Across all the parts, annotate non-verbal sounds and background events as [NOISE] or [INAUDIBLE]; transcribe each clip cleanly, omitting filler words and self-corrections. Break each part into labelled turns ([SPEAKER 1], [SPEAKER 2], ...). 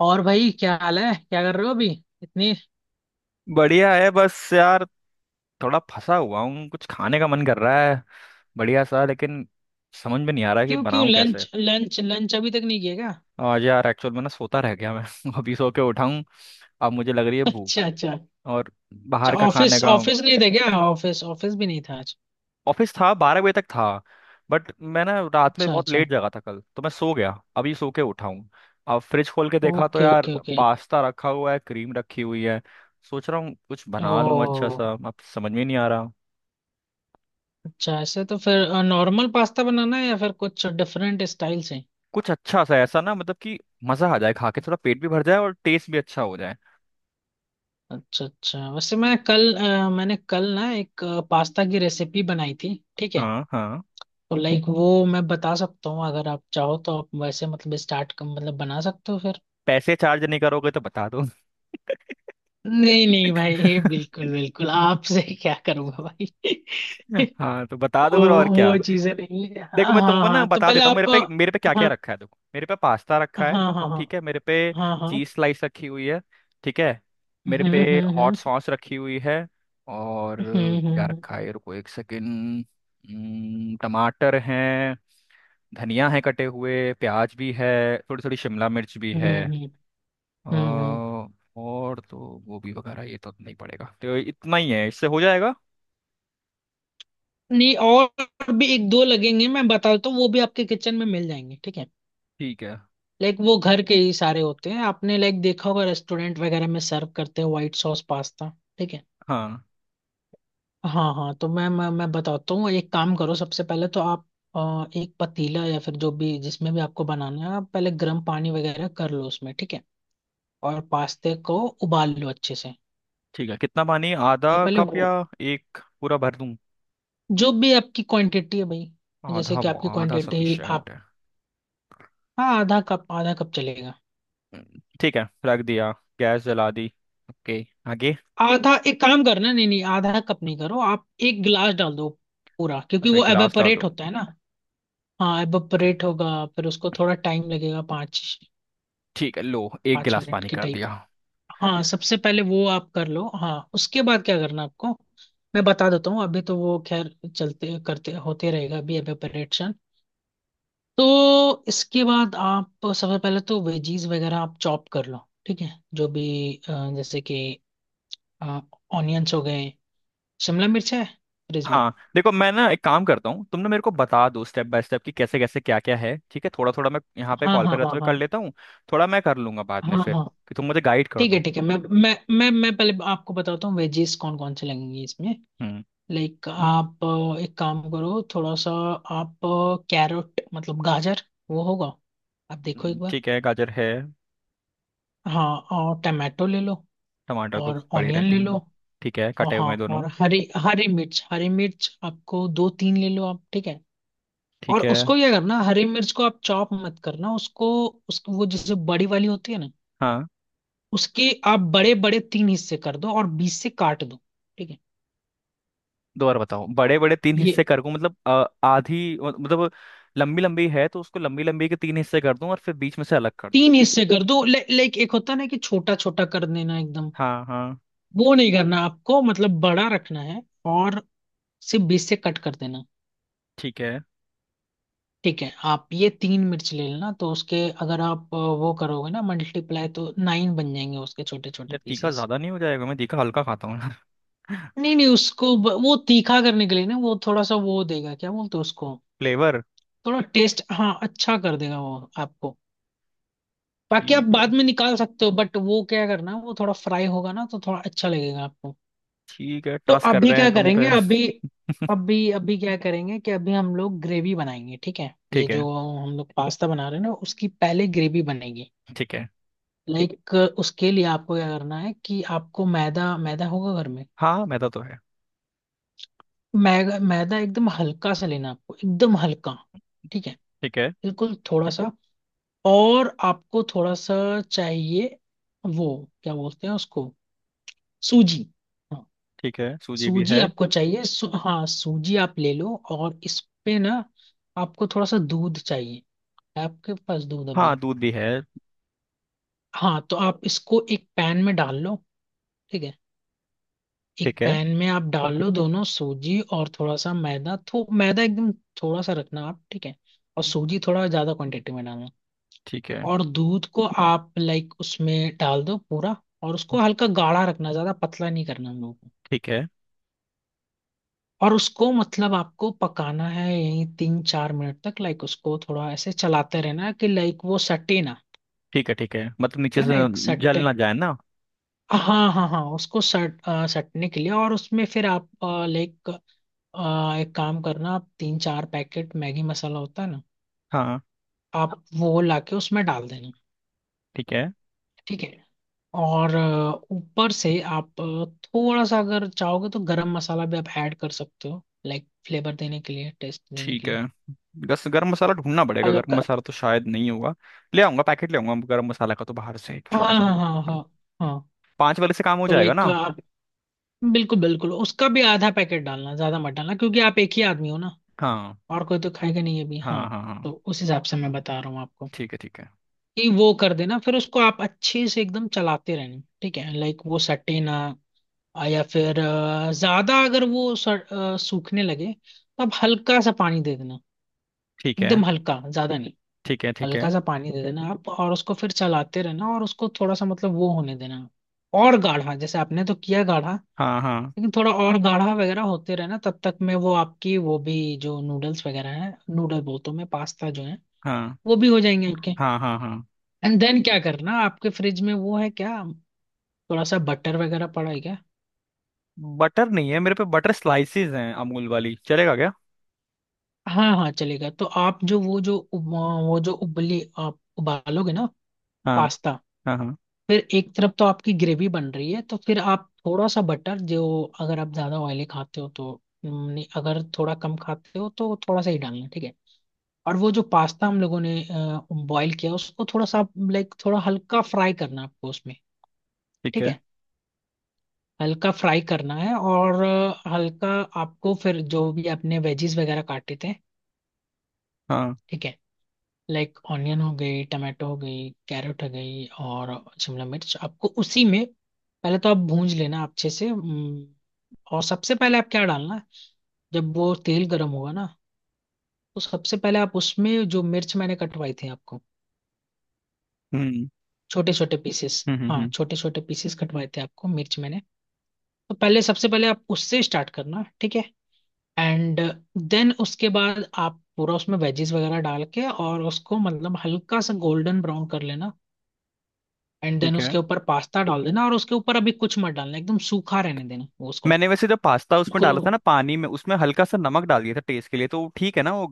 [SPEAKER 1] और भाई, क्या हाल है? क्या कर रहे हो अभी? इतनी
[SPEAKER 2] बढ़िया है बस यार। थोड़ा फंसा हुआ हूँ। कुछ खाने का मन कर रहा है बढ़िया सा, लेकिन समझ में नहीं आ रहा कि
[SPEAKER 1] क्यों क्यों
[SPEAKER 2] बनाऊँ कैसे।
[SPEAKER 1] लंच लंच लंच अभी तक नहीं किया क्या?
[SPEAKER 2] आज यार एक्चुअल में सोता रह गया मैं। [LAUGHS] अभी सो के उठा हूँ। अब मुझे लग रही है
[SPEAKER 1] [LAUGHS]
[SPEAKER 2] भूख।
[SPEAKER 1] अच्छा अच्छा।
[SPEAKER 2] और
[SPEAKER 1] अच्छा,
[SPEAKER 2] बाहर का
[SPEAKER 1] ऑफिस
[SPEAKER 2] खाने का।
[SPEAKER 1] ऑफिस नहीं था क्या? ऑफिस ऑफिस भी नहीं था आज?
[SPEAKER 2] ऑफिस था, 12 बजे तक था। बट मैं रात में
[SPEAKER 1] अच्छा
[SPEAKER 2] बहुत
[SPEAKER 1] अच्छा।
[SPEAKER 2] लेट जगा था कल, तो मैं सो गया। अभी सो के उठा हूँ। अब फ्रिज खोल के देखा तो
[SPEAKER 1] ओके
[SPEAKER 2] यार
[SPEAKER 1] ओके ओके।
[SPEAKER 2] पास्ता रखा हुआ है, क्रीम रखी हुई है। सोच रहा हूँ कुछ बना लूँ अच्छा
[SPEAKER 1] ओ,
[SPEAKER 2] सा। अब समझ में नहीं आ रहा।
[SPEAKER 1] अच्छा। ऐसे तो फिर नॉर्मल पास्ता बनाना है या फिर कुछ डिफरेंट स्टाइल से?
[SPEAKER 2] कुछ अच्छा सा ऐसा मतलब कि मजा आ जाए खा के, थोड़ा पेट भी भर जाए और टेस्ट भी अच्छा हो जाए।
[SPEAKER 1] अच्छा अच्छा। वैसे मैं कल मैंने कल ना एक पास्ता की रेसिपी बनाई थी, ठीक है?
[SPEAKER 2] हाँ हाँ।
[SPEAKER 1] तो लाइक वो मैं बता सकता हूँ, अगर आप चाहो तो आप वैसे मतलब स्टार्ट मतलब बना सकते हो फिर।
[SPEAKER 2] पैसे चार्ज नहीं करोगे तो बता दो। [LAUGHS]
[SPEAKER 1] नहीं नहीं भाई, बिल्कुल बिल्कुल आपसे [LAUGHS] क्या करूंगा भाई?
[SPEAKER 2] हाँ तो
[SPEAKER 1] [LAUGHS]
[SPEAKER 2] बता दो
[SPEAKER 1] वो
[SPEAKER 2] फिर, और
[SPEAKER 1] वो
[SPEAKER 2] क्या।
[SPEAKER 1] चीजें नहीं है।
[SPEAKER 2] देखो
[SPEAKER 1] हाँ
[SPEAKER 2] मैं
[SPEAKER 1] हाँ
[SPEAKER 2] तुमको
[SPEAKER 1] हाँ, तो
[SPEAKER 2] बता
[SPEAKER 1] पहले
[SPEAKER 2] देता हूँ मेरे
[SPEAKER 1] आप।
[SPEAKER 2] पे मेरे पे क्या क्या
[SPEAKER 1] हाँ
[SPEAKER 2] रखा है। देखो, मेरे पे पास्ता
[SPEAKER 1] हाँ
[SPEAKER 2] रखा है।
[SPEAKER 1] हाँ हाँ
[SPEAKER 2] ठीक है। मेरे पे
[SPEAKER 1] हाँ हाँ।
[SPEAKER 2] चीज स्लाइस रखी हुई है। ठीक है। मेरे पे हॉट
[SPEAKER 1] हम्म।
[SPEAKER 2] सॉस रखी हुई है। और क्या
[SPEAKER 1] हम्म
[SPEAKER 2] रखा है, रुको एक सेकेंड। टमाटर है। धनिया है। कटे हुए प्याज भी है। थोड़ी थोड़ी शिमला मिर्च भी है।
[SPEAKER 1] हम्म। हम्म, हम्म।
[SPEAKER 2] अ, और तो गोभी वगैरह ये तो नहीं पड़ेगा, तो इतना ही है। इससे हो जाएगा।
[SPEAKER 1] नहीं, और भी एक दो लगेंगे, मैं बता देता हूँ। वो भी आपके किचन में मिल जाएंगे, ठीक है?
[SPEAKER 2] ठीक है।
[SPEAKER 1] लाइक वो घर के ही सारे होते हैं, आपने लाइक देखा होगा रेस्टोरेंट वगैरह में सर्व करते हैं व्हाइट सॉस पास्ता। ठीक है,
[SPEAKER 2] हाँ।
[SPEAKER 1] हाँ हाँ। तो मैं बताता हूँ, एक काम करो। सबसे पहले तो आप एक पतीला या फिर जो भी जिसमें भी आपको बनाना है, आप पहले गर्म पानी वगैरह कर लो उसमें, ठीक है? और पास्ते को उबाल लो अच्छे से।
[SPEAKER 2] ठीक है, कितना पानी? आधा
[SPEAKER 1] तो पहले
[SPEAKER 2] कप या
[SPEAKER 1] वो
[SPEAKER 2] एक पूरा भर दूं?
[SPEAKER 1] जो भी आपकी क्वांटिटी है भाई, जैसे
[SPEAKER 2] आधा,
[SPEAKER 1] कि
[SPEAKER 2] वो
[SPEAKER 1] आपकी
[SPEAKER 2] आधा
[SPEAKER 1] क्वांटिटी
[SPEAKER 2] सफिशिएंट
[SPEAKER 1] आप।
[SPEAKER 2] है।
[SPEAKER 1] हाँ, आधा कप, आधा कप चलेगा।
[SPEAKER 2] ठीक है, रख दिया। गैस जला दी। ओके, आगे।
[SPEAKER 1] आधा एक काम करना, नहीं नहीं, आधा कप नहीं करो, आप एक गिलास डाल दो पूरा, क्योंकि
[SPEAKER 2] अच्छा, एक
[SPEAKER 1] वो
[SPEAKER 2] गिलास डाल
[SPEAKER 1] एवेपोरेट
[SPEAKER 2] दूं?
[SPEAKER 1] होता है ना। हाँ
[SPEAKER 2] ओके।
[SPEAKER 1] एवेपोरेट होगा, फिर उसको थोड़ा टाइम लगेगा, पाँच
[SPEAKER 2] ठीक है, लो, एक
[SPEAKER 1] पाँच
[SPEAKER 2] गिलास
[SPEAKER 1] मिनट
[SPEAKER 2] पानी
[SPEAKER 1] की
[SPEAKER 2] कर
[SPEAKER 1] टाइप।
[SPEAKER 2] दिया।
[SPEAKER 1] हाँ सबसे पहले वो आप कर लो। हाँ उसके बाद क्या करना आपको, मैं बता देता हूँ। अभी तो वो खैर चलते करते होते रहेगा अभी अभी ऑपरेशन। तो इसके बाद आप सबसे पहले तो वेजीज वगैरह आप चॉप कर लो, ठीक है? जो भी जैसे कि ऑनियंस हो गए, शिमला मिर्च है फ्रिज में।
[SPEAKER 2] हाँ देखो, मैं एक काम करता हूँ। तुम मेरे को बता दो स्टेप बाय स्टेप कि कैसे कैसे क्या क्या है। ठीक है, थोड़ा थोड़ा मैं यहाँ पे
[SPEAKER 1] हाँ
[SPEAKER 2] कॉल पे
[SPEAKER 1] हाँ
[SPEAKER 2] रहते
[SPEAKER 1] हाँ
[SPEAKER 2] हुए कर
[SPEAKER 1] हाँ
[SPEAKER 2] लेता हूँ। थोड़ा मैं कर लूंगा बाद में
[SPEAKER 1] हाँ
[SPEAKER 2] फिर,
[SPEAKER 1] हाँ।
[SPEAKER 2] कि तुम मुझे गाइड कर
[SPEAKER 1] ठीक है
[SPEAKER 2] दो।
[SPEAKER 1] ठीक है। मैं पहले आपको बताता हूँ वेजीज कौन कौन से लगेंगी इसमें।
[SPEAKER 2] हम्म।
[SPEAKER 1] लाइक आप एक काम करो, थोड़ा सा आप कैरेट मतलब गाजर वो होगा, आप देखो एक बार।
[SPEAKER 2] ठीक है, गाजर है।
[SPEAKER 1] हाँ, और टमाटो ले लो।
[SPEAKER 2] टमाटर तो
[SPEAKER 1] और
[SPEAKER 2] पड़े
[SPEAKER 1] ऑनियन
[SPEAKER 2] रहते
[SPEAKER 1] ले लो।
[SPEAKER 2] हैं। ठीक है,
[SPEAKER 1] और
[SPEAKER 2] कटे हुए
[SPEAKER 1] हाँ,
[SPEAKER 2] हैं दोनों।
[SPEAKER 1] और हरी, हरी मिर्च। हरी मिर्च आपको दो तीन ले लो आप, ठीक है? और
[SPEAKER 2] ठीक है।
[SPEAKER 1] उसको क्या करना, हरी मिर्च को आप चॉप मत करना उसको। उसको वो जैसे बड़ी वाली होती है ना,
[SPEAKER 2] हाँ।
[SPEAKER 1] उसके आप बड़े बड़े तीन हिस्से कर दो और बीच से काट दो, ठीक है?
[SPEAKER 2] दो बार बताओ, बड़े बड़े तीन
[SPEAKER 1] ये
[SPEAKER 2] हिस्से कर दूं मतलब आधी मतलब लंबी लंबी है, तो उसको लंबी लंबी के तीन हिस्से कर दूं और फिर बीच में से अलग कर दूं?
[SPEAKER 1] तीन हिस्से कर दो, लाइक एक होता है ना कि छोटा छोटा कर देना एकदम,
[SPEAKER 2] हाँ हाँ।
[SPEAKER 1] वो नहीं करना आपको, मतलब बड़ा रखना है और सिर्फ बीच से कट कर देना।
[SPEAKER 2] ठीक है।
[SPEAKER 1] ठीक है, आप ये तीन मिर्च ले लेना। तो उसके अगर आप वो करोगे ना मल्टीप्लाई, तो नाइन बन जाएंगे उसके छोटे छोटे
[SPEAKER 2] यार तीखा
[SPEAKER 1] पीसेस।
[SPEAKER 2] ज्यादा नहीं हो जाएगा? मैं तीखा हल्का खाता हूँ ना। [LAUGHS]
[SPEAKER 1] नहीं नहीं, उसको वो तीखा करने के लिए ना, वो थोड़ा सा वो देगा, क्या बोलते हैं उसको,
[SPEAKER 2] फ्लेवर।
[SPEAKER 1] थोड़ा टेस्ट, हाँ, अच्छा कर देगा वो आपको। बाकी आप
[SPEAKER 2] ठीक है।
[SPEAKER 1] बाद में निकाल सकते हो, बट वो क्या करना, वो थोड़ा फ्राई होगा ना तो थोड़ा अच्छा लगेगा।
[SPEAKER 2] ठीक है,
[SPEAKER 1] तो
[SPEAKER 2] ट्रस्ट कर
[SPEAKER 1] अभी
[SPEAKER 2] रहे
[SPEAKER 1] क्या
[SPEAKER 2] हैं तुम
[SPEAKER 1] करेंगे
[SPEAKER 2] पे।
[SPEAKER 1] अभी,
[SPEAKER 2] [LAUGHS]
[SPEAKER 1] अभी अभी क्या करेंगे कि अभी हम लोग ग्रेवी बनाएंगे, ठीक है? ये
[SPEAKER 2] ठीक है।
[SPEAKER 1] जो हम लोग पास्ता बना रहे हैं ना, उसकी पहले ग्रेवी बनेगी।
[SPEAKER 2] ठीक है।
[SPEAKER 1] लाइक उसके लिए आपको क्या करना है कि आपको मैदा, मैदा होगा घर में?
[SPEAKER 2] हाँ, मैदा तो है।
[SPEAKER 1] मैदा, मैदा एकदम हल्का सा लेना आपको, एकदम हल्का, ठीक है?
[SPEAKER 2] ठीक है।
[SPEAKER 1] बिल्कुल थोड़ा सा। और आपको थोड़ा सा चाहिए वो, क्या बोलते हैं उसको, सूजी।
[SPEAKER 2] ठीक है, सूजी भी
[SPEAKER 1] सूजी
[SPEAKER 2] है।
[SPEAKER 1] आपको चाहिए। हाँ सूजी आप ले लो, और इस पे ना आपको थोड़ा सा दूध चाहिए। है आपके पास दूध अभी?
[SPEAKER 2] हाँ, दूध भी है।
[SPEAKER 1] हाँ, तो आप इसको एक पैन में डाल लो, ठीक है? एक
[SPEAKER 2] ठीक है।
[SPEAKER 1] पैन में आप डाल लो दोनों सूजी और थोड़ा सा मैदा। तो मैदा एकदम थोड़ा सा रखना आप, ठीक है? और सूजी थोड़ा ज्यादा क्वांटिटी में डालना।
[SPEAKER 2] ठीक है।
[SPEAKER 1] और दूध को आप लाइक उसमें डाल दो पूरा, और उसको हल्का गाढ़ा रखना, ज्यादा पतला नहीं करना हम लोगों।
[SPEAKER 2] ठीक है।
[SPEAKER 1] और उसको मतलब आपको पकाना है यही 3-4 मिनट तक। लाइक उसको थोड़ा ऐसे चलाते रहना है कि लाइक वो सटे ना।
[SPEAKER 2] ठीक है। ठीक है, मतलब नीचे
[SPEAKER 1] है
[SPEAKER 2] से
[SPEAKER 1] ना, एक
[SPEAKER 2] जल
[SPEAKER 1] सट्टे।
[SPEAKER 2] ना जाए ना।
[SPEAKER 1] हाँ हाँ हाँ, उसको सटने के लिए। और उसमें फिर आप लाइक एक काम करना, आप तीन चार पैकेट मैगी मसाला होता है ना,
[SPEAKER 2] हाँ।
[SPEAKER 1] आप वो लाके उसमें डाल देना,
[SPEAKER 2] ठीक है।
[SPEAKER 1] ठीक है? और ऊपर से आप थोड़ा सा अगर चाहोगे तो गरम मसाला भी आप ऐड कर सकते हो, लाइक फ्लेवर देने के लिए, टेस्ट देने के
[SPEAKER 2] ठीक है,
[SPEAKER 1] लिए।
[SPEAKER 2] गस गरम मसाला ढूंढना पड़ेगा। गरम
[SPEAKER 1] हल्का,
[SPEAKER 2] मसाला तो शायद नहीं होगा। ले आऊंगा, पैकेट ले आऊंगा गरम मसाला का तो बाहर से, एक
[SPEAKER 1] हाँ
[SPEAKER 2] छोटा सा।
[SPEAKER 1] हाँ हाँ हाँ हाँ।
[SPEAKER 2] 5 वाले से काम हो
[SPEAKER 1] तो
[SPEAKER 2] जाएगा
[SPEAKER 1] लाइक
[SPEAKER 2] ना?
[SPEAKER 1] आप बिल्कुल बिल्कुल उसका भी आधा पैकेट डालना, ज्यादा मत डालना क्योंकि आप एक ही आदमी हो ना,
[SPEAKER 2] हाँ
[SPEAKER 1] और कोई तो खाएगा नहीं अभी, हाँ।
[SPEAKER 2] हाँ हाँ
[SPEAKER 1] तो
[SPEAKER 2] हाँ।
[SPEAKER 1] उस हिसाब से मैं बता रहा हूँ आपको,
[SPEAKER 2] ठीक है। ठीक है।
[SPEAKER 1] कि वो कर देना, फिर उसको आप अच्छे से एकदम चलाते रहना, ठीक है, लाइक वो सटे ना। या फिर ज्यादा अगर वो सूखने लगे तो आप हल्का सा पानी दे देना।
[SPEAKER 2] ठीक है।
[SPEAKER 1] एकदम हल्का, ज्यादा नहीं।
[SPEAKER 2] ठीक है। ठीक
[SPEAKER 1] हल्का
[SPEAKER 2] है।
[SPEAKER 1] सा पानी दे देना आप, और उसको फिर चलाते रहना और उसको थोड़ा सा मतलब वो होने देना। और गाढ़ा, जैसे आपने तो किया गाढ़ा,
[SPEAKER 2] हाँ हाँ
[SPEAKER 1] लेकिन थोड़ा और गाढ़ा वगैरह होते रहे ना, तब तक में वो आपकी वो भी जो नूडल्स वगैरह हैं, नूडल बोलता हूँ मैं, पास्ता जो है,
[SPEAKER 2] हाँ।
[SPEAKER 1] वो भी हो जाएंगे आपके।
[SPEAKER 2] हाँ हाँ हाँ।
[SPEAKER 1] एंड देन क्या करना, आपके फ्रिज में वो है क्या, थोड़ा सा बटर वगैरह पड़ा है क्या?
[SPEAKER 2] बटर नहीं है मेरे पे। बटर स्लाइसेस हैं अमूल वाली, चलेगा क्या?
[SPEAKER 1] हाँ हाँ चलेगा। तो आप जो वो जो वो जो उबली, आप उबालोगे ना
[SPEAKER 2] हाँ।
[SPEAKER 1] पास्ता,
[SPEAKER 2] हाँ। हाँ।
[SPEAKER 1] फिर एक तरफ तो आपकी ग्रेवी बन रही है, तो फिर आप थोड़ा सा बटर जो, अगर आप ज्यादा ऑयली खाते हो तो नहीं, अगर थोड़ा कम खाते हो तो थोड़ा सा ही डालना, ठीक है? और वो जो पास्ता हम लोगों ने बॉईल किया, उसको थोड़ा सा लाइक थोड़ा हल्का फ्राई करना है आपको उसमें,
[SPEAKER 2] ठीक
[SPEAKER 1] ठीक
[SPEAKER 2] है।
[SPEAKER 1] है? हल्का फ्राई करना है। और हल्का आपको फिर जो भी आपने वेजीज वगैरह काटे थे,
[SPEAKER 2] हाँ।
[SPEAKER 1] ठीक है, लाइक ऑनियन हो गई, टमाटो हो गई, कैरेट हो गई, और शिमला मिर्च, आपको उसी में पहले तो आप भूंज लेना अच्छे से। और सबसे पहले आप क्या डालना है, जब वो तेल गर्म होगा ना, तो सबसे पहले आप उसमें जो मिर्च मैंने कटवाई थी आपको,
[SPEAKER 2] हम्म
[SPEAKER 1] छोटे छोटे पीसेस।
[SPEAKER 2] हम्म हम्म
[SPEAKER 1] हाँ,
[SPEAKER 2] हम्म,
[SPEAKER 1] छोटे छोटे पीसेस कटवाए थे आपको मिर्च मैंने, तो पहले सबसे पहले आप उससे स्टार्ट करना, ठीक है? एंड देन उसके बाद आप पूरा उसमें वेजीज वगैरह डाल के और उसको मतलब हल्का सा गोल्डन ब्राउन कर लेना। एंड देन
[SPEAKER 2] ठीक है।
[SPEAKER 1] उसके ऊपर पास्ता डाल देना और उसके ऊपर अभी कुछ मत डालना, एकदम सूखा रहने देना वो उसको।
[SPEAKER 2] मैंने वैसे जो पास्ता उसमें
[SPEAKER 1] बिल्कुल।
[SPEAKER 2] डाला था ना पानी में, उसमें हल्का सा नमक डाल दिया था टेस्ट के लिए, तो ठीक है ना वो?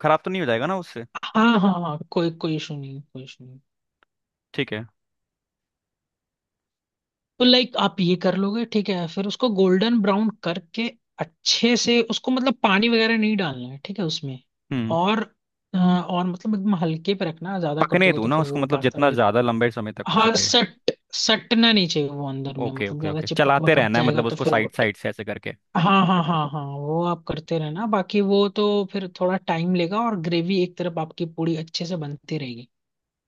[SPEAKER 2] खराब तो नहीं हो जाएगा ना उससे?
[SPEAKER 1] हाँ हाँ हाँ, कोई कोई इशू नहीं है, कोई इशू।
[SPEAKER 2] ठीक है।
[SPEAKER 1] तो लाइक आप ये कर लोगे, ठीक है? फिर उसको गोल्डन ब्राउन करके अच्छे से उसको, मतलब पानी वगैरह नहीं डालना है, ठीक है उसमें।
[SPEAKER 2] हम्म।
[SPEAKER 1] और और मतलब एकदम हल्के पे रखना, ज्यादा कर
[SPEAKER 2] पकने
[SPEAKER 1] दोगे
[SPEAKER 2] दो
[SPEAKER 1] तो
[SPEAKER 2] ना
[SPEAKER 1] फिर
[SPEAKER 2] उसको
[SPEAKER 1] वो
[SPEAKER 2] मतलब,
[SPEAKER 1] पास्ता
[SPEAKER 2] जितना ज्यादा
[SPEAKER 1] वगैरह।
[SPEAKER 2] लंबे समय तक हो
[SPEAKER 1] हाँ,
[SPEAKER 2] सके।
[SPEAKER 1] सट सटना नहीं चाहिए वो, अंदर में,
[SPEAKER 2] ओके
[SPEAKER 1] मतलब
[SPEAKER 2] ओके
[SPEAKER 1] ज्यादा
[SPEAKER 2] ओके,
[SPEAKER 1] चिपक
[SPEAKER 2] चलाते
[SPEAKER 1] वपक
[SPEAKER 2] रहना है
[SPEAKER 1] जाएगा
[SPEAKER 2] मतलब
[SPEAKER 1] तो
[SPEAKER 2] उसको
[SPEAKER 1] फिर वो।
[SPEAKER 2] साइड साइड से ऐसे करके।
[SPEAKER 1] हाँ हाँ हाँ हाँ, वो आप करते रहना, बाकी वो तो फिर थोड़ा टाइम लेगा और ग्रेवी एक तरफ आपकी पूरी अच्छे से बनती रहेगी,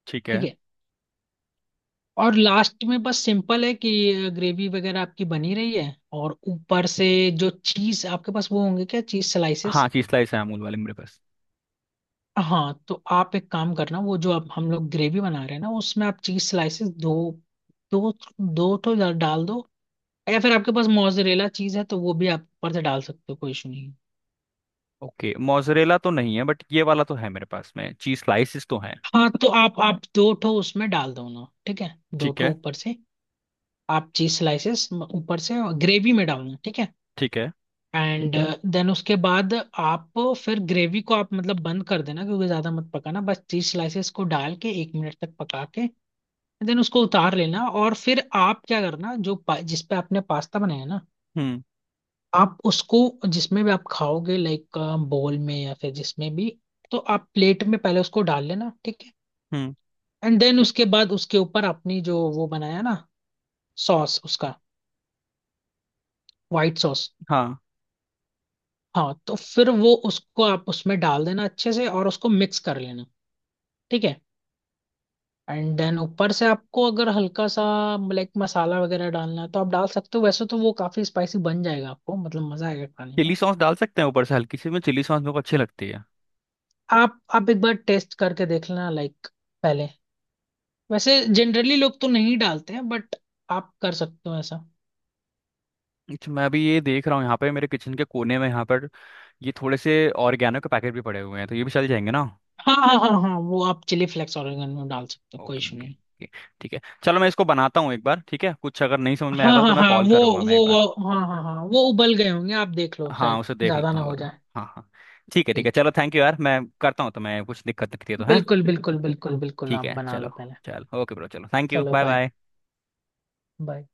[SPEAKER 2] ठीक
[SPEAKER 1] ठीक
[SPEAKER 2] है।
[SPEAKER 1] है? और लास्ट में बस सिंपल है कि ग्रेवी वगैरह आपकी बनी रही है और ऊपर से जो चीज आपके पास वो होंगे क्या, चीज स्लाइसेस?
[SPEAKER 2] हाँ, चीज स्लाइस है अमूल वाले मेरे पास।
[SPEAKER 1] हाँ तो आप एक काम करना, वो जो अब हम लोग ग्रेवी बना रहे हैं ना, उसमें आप चीज स्लाइसेस दो, दो, दो तो डाल दो। या फिर आपके पास मोजरेला चीज है तो वो भी आप ऊपर से डाल सकते हो, कोई इशू नहीं है।
[SPEAKER 2] ओके, मोजरेला तो नहीं है बट ये वाला तो है मेरे पास में। चीज स्लाइसिस तो है।
[SPEAKER 1] हाँ तो आप दो ठो उसमें डाल दो ना, ठीक है? दो
[SPEAKER 2] ठीक
[SPEAKER 1] ठो
[SPEAKER 2] है।
[SPEAKER 1] ऊपर से आप चीज स्लाइसेस ऊपर से ग्रेवी में डालना, ठीक है?
[SPEAKER 2] ठीक है।
[SPEAKER 1] एंड देन उसके बाद आप फिर ग्रेवी को आप मतलब बंद कर देना क्योंकि ज्यादा मत पकाना, बस चीज स्लाइसेस को डाल के 1 मिनट तक पका के देन उसको उतार लेना। और फिर आप क्या करना, जो जिस पे आपने पास्ता बनाया ना,
[SPEAKER 2] हम्म।
[SPEAKER 1] आप उसको जिसमें भी आप खाओगे, लाइक बोल में या फिर जिसमें भी, तो आप प्लेट में पहले उसको डाल लेना, ठीक है?
[SPEAKER 2] हम्म।
[SPEAKER 1] एंड देन उसके बाद उसके ऊपर अपनी जो वो बनाया ना, सॉस उसका, व्हाइट सॉस।
[SPEAKER 2] हाँ,
[SPEAKER 1] हाँ, तो फिर वो उसको आप उसमें डाल देना अच्छे से और उसको मिक्स कर लेना, ठीक है? एंड देन ऊपर से आपको अगर हल्का सा लाइक मसाला वगैरह डालना है तो आप डाल सकते हो, वैसे तो वो काफी स्पाइसी बन जाएगा आपको, मतलब मजा आएगा खाने
[SPEAKER 2] चिली
[SPEAKER 1] में।
[SPEAKER 2] सॉस डाल सकते हैं ऊपर से हल्की सी में? चिली सॉस मेरे को अच्छी लगती है।
[SPEAKER 1] आप एक बार टेस्ट करके देख लेना लाइक, पहले वैसे जनरली लोग तो नहीं डालते हैं बट आप कर सकते हो ऐसा।
[SPEAKER 2] अच्छा मैं अभी ये देख रहा हूँ, यहाँ पे मेरे किचन के कोने में, यहाँ पर ये थोड़े से ऑर्गेनो के पैकेट भी पड़े हुए हैं, तो ये भी चल जाएंगे ना?
[SPEAKER 1] हाँ हाँ हाँ हाँ, वो आप चिली फ्लेक्स ऑरिगेनो में डाल सकते हो, कोई
[SPEAKER 2] ओके
[SPEAKER 1] इशू
[SPEAKER 2] ओके
[SPEAKER 1] नहीं।
[SPEAKER 2] ओके। ठीक है चलो, मैं इसको बनाता हूँ एक बार। ठीक है, कुछ अगर नहीं समझ में
[SPEAKER 1] हाँ
[SPEAKER 2] आएगा तो
[SPEAKER 1] हाँ
[SPEAKER 2] मैं
[SPEAKER 1] हाँ,
[SPEAKER 2] कॉल
[SPEAKER 1] वो
[SPEAKER 2] करूंगा मैं
[SPEAKER 1] वो
[SPEAKER 2] एक बार।
[SPEAKER 1] वो हाँ हाँ हाँ, वो उबल गए होंगे, आप देख लो,
[SPEAKER 2] हाँ,
[SPEAKER 1] शायद
[SPEAKER 2] उसे देख
[SPEAKER 1] ज्यादा
[SPEAKER 2] लेता
[SPEAKER 1] ना
[SPEAKER 2] हूँ एक
[SPEAKER 1] हो
[SPEAKER 2] बार।
[SPEAKER 1] जाए।
[SPEAKER 2] हाँ हाँ। ठीक है। ठीक है
[SPEAKER 1] ठीक,
[SPEAKER 2] चलो, थैंक यू यार। मैं करता हूँ, तो मैं कुछ दिक्कत दिखती है तो है।
[SPEAKER 1] बिल्कुल बिल्कुल बिल्कुल बिल्कुल
[SPEAKER 2] ठीक
[SPEAKER 1] आप
[SPEAKER 2] है
[SPEAKER 1] बना
[SPEAKER 2] चलो।
[SPEAKER 1] लो पहले।
[SPEAKER 2] चलो, ओके ब्रो, चलो थैंक यू,
[SPEAKER 1] चलो
[SPEAKER 2] बाय
[SPEAKER 1] बाय
[SPEAKER 2] बाय।
[SPEAKER 1] बाय।